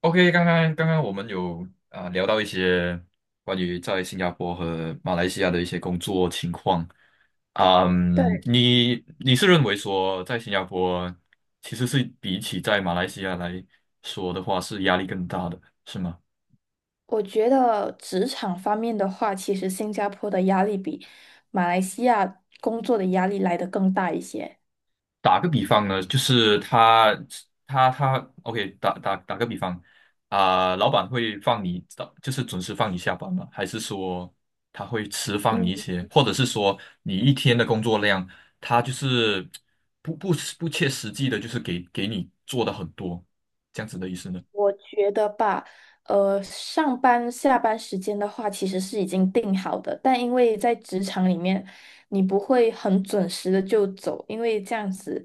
OK,刚刚我们有聊到一些关于在新加坡和马来西亚的一些工作情况。对，你是认为说在新加坡其实是比起在马来西亚来说的话是压力更大的，是吗？我觉得职场方面的话，其实新加坡的压力比马来西亚工作的压力来得更大一些。打个比方呢，就是他，OK,打个比方老板会放你，就是准时放你下班吗？还是说他会迟放你一嗯，些，或者是说你一天的工作量，他就是不不不切实际的，就是给你做的很多，这样子的意思呢？我觉得吧，上班下班时间的话，其实是已经定好的，但因为在职场里面，你不会很准时的就走，因为这样子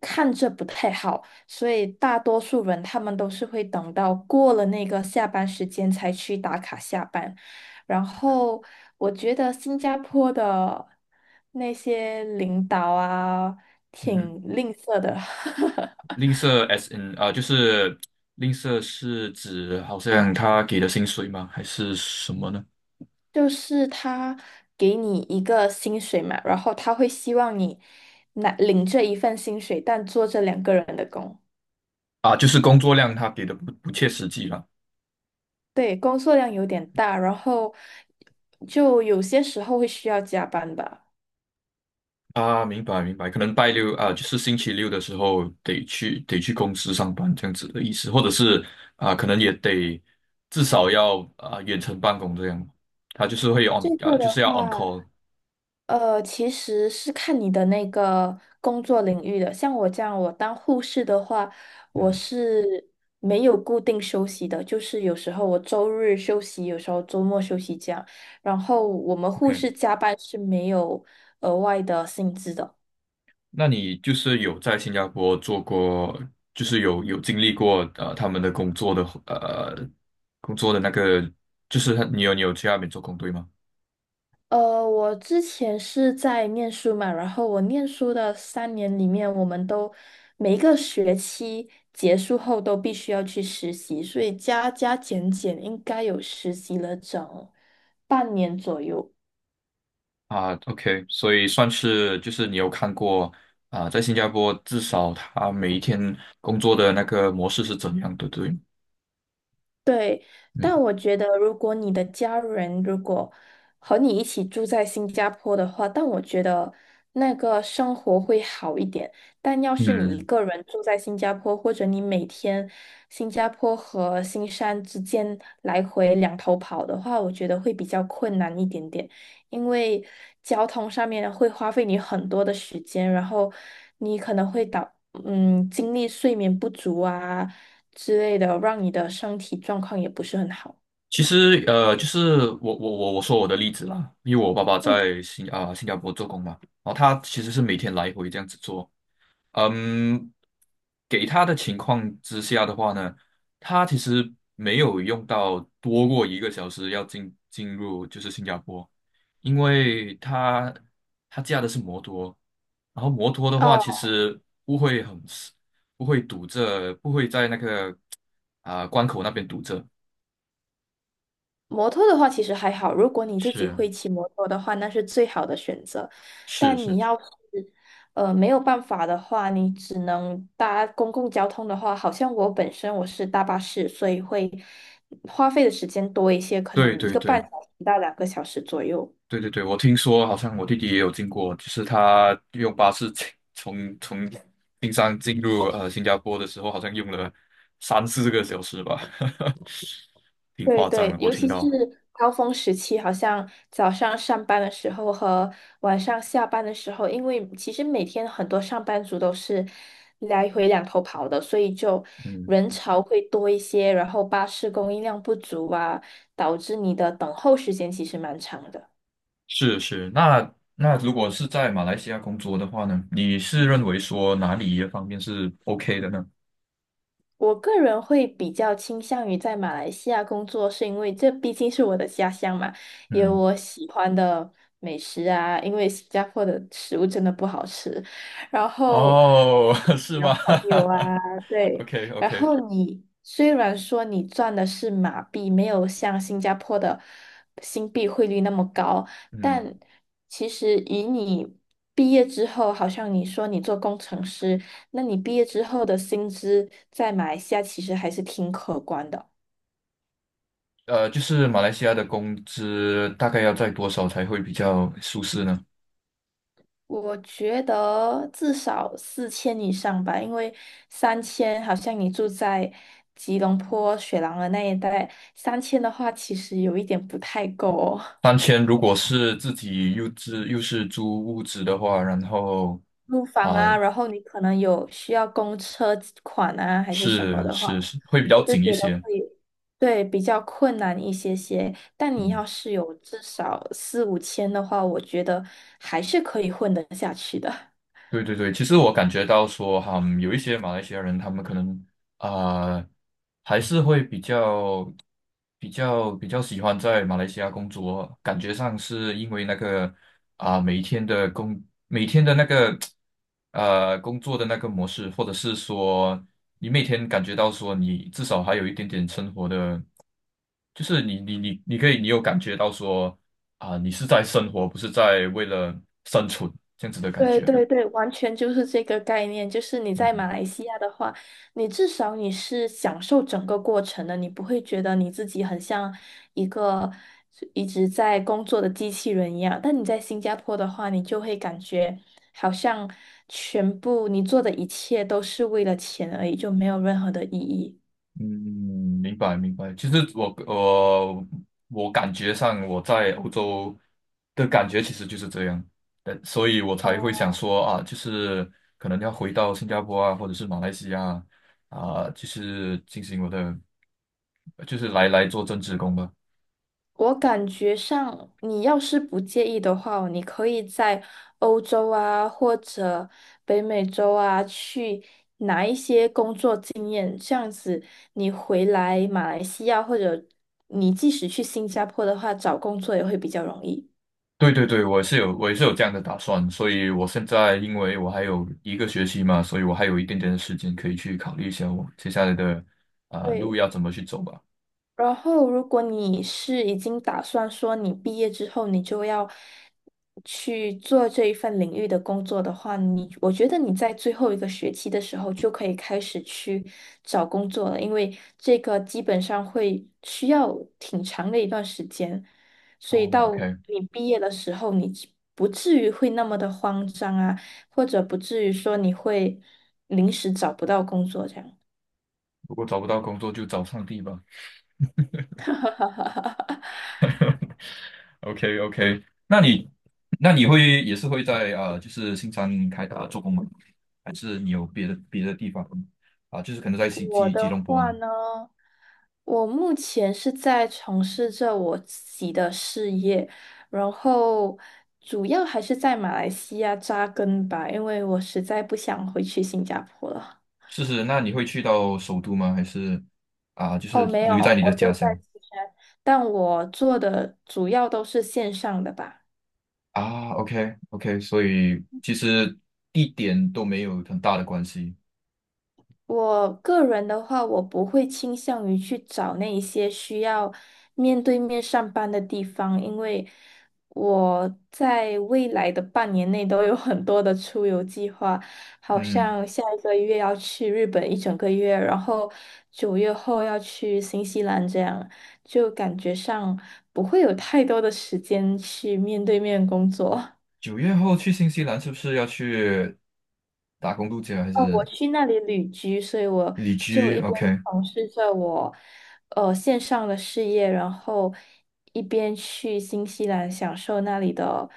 看着不太好，所以大多数人他们都是会等到过了那个下班时间才去打卡下班。然后我觉得新加坡的那些领导啊，嗯哼，挺吝啬的。吝啬 S N 就是吝啬是指好像他给的薪水吗？还是什么呢？就是他给你一个薪水嘛，然后他会希望你拿领这一份薪水，但做这两个人的工。啊，就是工作量他给的不切实际了。对，工作量有点大，然后就有些时候会需要加班吧。啊，明白明白，可能拜六啊，就是星期六的时候得去公司上班这样子的意思，或者是啊，可能也得至少要啊远程办公这样，他就是会 on 这个啊，就的是要 on 话，call。其实是看你的那个工作领域的。像我这样，我当护士的话，我嗯是没有固定休息的，就是有时候我周日休息，有时候周末休息这样。然后我们护，OK,士加班是没有额外的薪资的。那你就是有在新加坡做过，就是有经历过他们的工作的呃工作的那个，就是他你有去那边做工对吗？呃，我之前是在念书嘛，然后我念书的3年里面，我们都每一个学期结束后都必须要去实习，所以加加减减应该有实习了整半年左右。啊，OK,所以算是就是你有看过啊，在新加坡至少他每一天工作的那个模式是怎样的，对吗？对，嗯但我觉得如果你的家人如果和你一起住在新加坡的话，但我觉得那个生活会好一点。但要是你一嗯，个人住在新加坡，或者你每天新加坡和新山之间来回两头跑的话，我觉得会比较困难一点点，因为交通上面会花费你很多的时间，然后你可能会导。嗯，精力睡眠不足啊，之类的，让你的身体状况也不是很好。其实就是我说我的例子啦，因为我爸爸嗯，在新加坡做工嘛，然后他其实是每天来回这样子做，嗯，给他的情况之下的话呢，他其实没有用到多过一个小时要进入就是新加坡，因为他驾的是摩托，然后摩托的话哦，其实不会很不会堵着，不会在那个关口那边堵着，摩托的话其实还好，如果你自己是会骑摩托的话，那是最好的选择。是但是，你是要是没有办法的话，你只能搭公共交通的话，好像我本身我是搭巴士，所以会花费的时间多一些，可对能一对个对。半小时到两个小时左右。对对对，我听说好像我弟弟也有经过，就是他用巴士进从冰山进入新加坡的时候，好像用了三四个小时吧，挺对夸张对，的，我尤听其是到。高峰时期，好像早上上班的时候和晚上下班的时候，因为其实每天很多上班族都是来回两头跑的，所以就嗯，人潮会多一些，然后巴士供应量不足啊，导致你的等候时间其实蛮长的。是是，那如果是在马来西亚工作的话呢，你是认为说哪里一方面是 OK 的呢？我个人会比较倾向于在马来西亚工作，是因为这毕竟是我的家乡嘛，有嗯，我喜欢的美食啊。因为新加坡的食物真的不好吃，然后哦，是的吗 朋友啊，对。？OK 然 OK,后你虽然说你赚的是马币，没有像新加坡的新币汇率那么高，嗯，但其实以你毕业之后，好像你说你做工程师。那你毕业之后的薪资在马来西亚其实还是挺可观的。就是马来西亚的工资大概要在多少才会比较舒适呢？我觉得至少4000以上吧，因为三千好像你住在吉隆坡、雪狼的那一带，三千的话其实有一点不太够哦。三 千，如果是自己又自又是租屋子的话，然后租房啊、啊，然后你可能有需要公车款啊，还是什么是的是话。是会比较我就紧一觉得些，会对比较困难一些些。但你嗯。要是有至少4、5000的话，我觉得还是可以混得下去的。对对对，其实我感觉到说，有一些马来西亚人，他们可能啊、呃还是会比较喜欢在马来西亚工作，感觉上是因为那个啊、每一天的工、每天的那个工作的那个模式，或者是说你每天感觉到说，你至少还有一点点生活的，就是你可以，你有感觉到说你是在生活，不是在为了生存这样子的感对觉嘛？对对，完全就是这个概念。就是你在马来西亚的话，你至少你是享受整个过程的，你不会觉得你自己很像一个一直在工作的机器人一样。但你在新加坡的话，你就会感觉好像全部你做的一切都是为了钱而已，就没有任何的意义。嗯，明白明白。其实我感觉上我在欧洲的感觉其实就是这样，呃，所以我才会想说啊，就是可能要回到新加坡啊，或者是马来西亚啊，啊就是进行我的，就是来做正职工吧。我感觉上，你要是不介意的话哦你可以在欧洲啊，或者北美洲啊，去拿一些工作经验。这样子，你回来马来西亚，或者你即使去新加坡的话，找工作也会比较容易。对对对，我也是有这样的打算，所以我现在因为我还有一个学期嘛，所以我还有一点点的时间可以去考虑一下我接下来的路对。要怎么去走吧。然后，如果你是已经打算说你毕业之后你就要去做这一份领域的工作的话，我觉得你在最后一个学期的时候就可以开始去找工作了，因为这个基本上会需要挺长的一段时间，啊所以到，OK。你毕业的时候，你只不至于会那么的慌张啊，或者不至于说你会临时找不到工作这样。如果找不到工作，就找上帝吧。OK OK,那你会也是会在就是新山做工吗？还是你有别的地方就是可能在吉我吉吉的隆坡话呢？呢？我目前是在从事着我自己的事业，然后主要还是在马来西亚扎根吧，因为我实在不想回去新加坡了。是是，那你会去到首都吗？还是就是哦，没有，留在你的我家就在乡四川，但我做的主要都是线上的吧。啊？OK OK,所以其实一点都没有很大的关系。我个人的话，我不会倾向于去找那一些需要面对面上班的地方，因为我在未来的半年内都有很多的出游计划，好嗯，像下1个月要去日本1整个月，然后9月后要去新西兰，这样就感觉上不会有太多的时间去面对面工作。九月后去新西兰是不是要去打工度假还哦，我是去那里旅居，所以我旅就居一边？OK,从事着我线上的事业，然后一边去新西兰享受那里的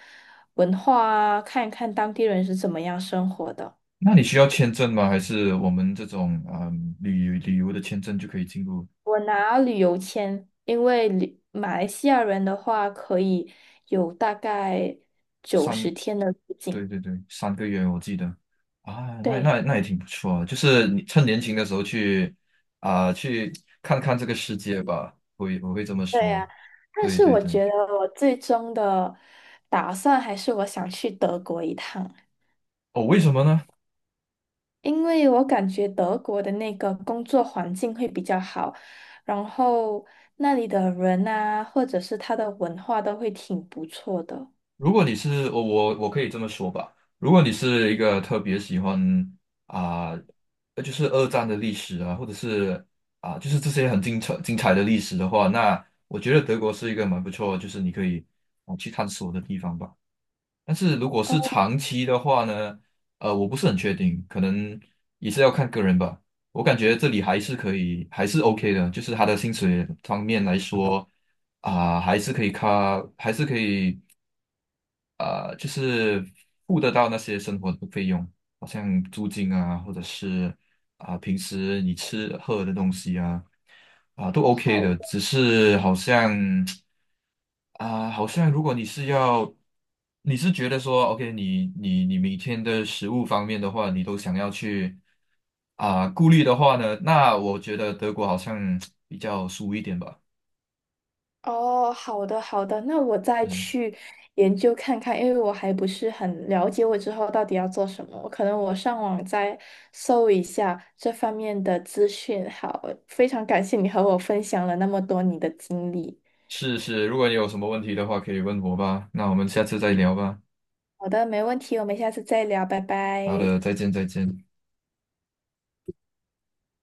文化啊，看一看当地人是怎么样生活的。那你需要签证吗？还是我们这种嗯旅游的签证就可以进入我拿旅游签，因为旅马来西亚人的话可以有大概九十三？天的入对境。对对，三个月我记得啊，那对那那也挺不错啊，就是你趁年轻的时候去去看看这个世界吧，我会这么对说。呀，但对是对我对，觉得我最终的打算还是我想去德国一趟。哦，为什么呢？因为我感觉德国的那个工作环境会比较好，然后那里的人啊，或者是他的文化都会挺不错的。如果你是我可以这么说吧，如果你是一个特别喜欢啊、就是二战的历史啊，或者是就是这些很精彩的历史的话，那我觉得德国是一个蛮不错，就是你可以去探索的地方吧。但是如果是哦，长期的话呢，呃，我不是很确定，可能也是要看个人吧。我感觉这里还是可以，还是 OK 的，就是他的薪水方面来说，还是可以卡，还是可以，就是付得到那些生活的费用，好像租金啊，或者是平时你吃喝的东西啊，都 OK 好的，的只是好像。啊，好像如果你是要，你是觉得说，OK,你每天的食物方面的话，你都想要去啊顾虑的话呢，那我觉得德国好像比较输一点吧。哦，好的，好的，那我再嗯，去研究看看，因为我还不是很了解我之后到底要做什么，我可能我上网再搜一下这方面的资讯。好，非常感谢你和我分享了那么多你的经历。是是，如果你有什么问题的话，可以问我吧。那我们下次再聊吧。好的，没问题，我们下次再聊，拜好的，拜。再见再见。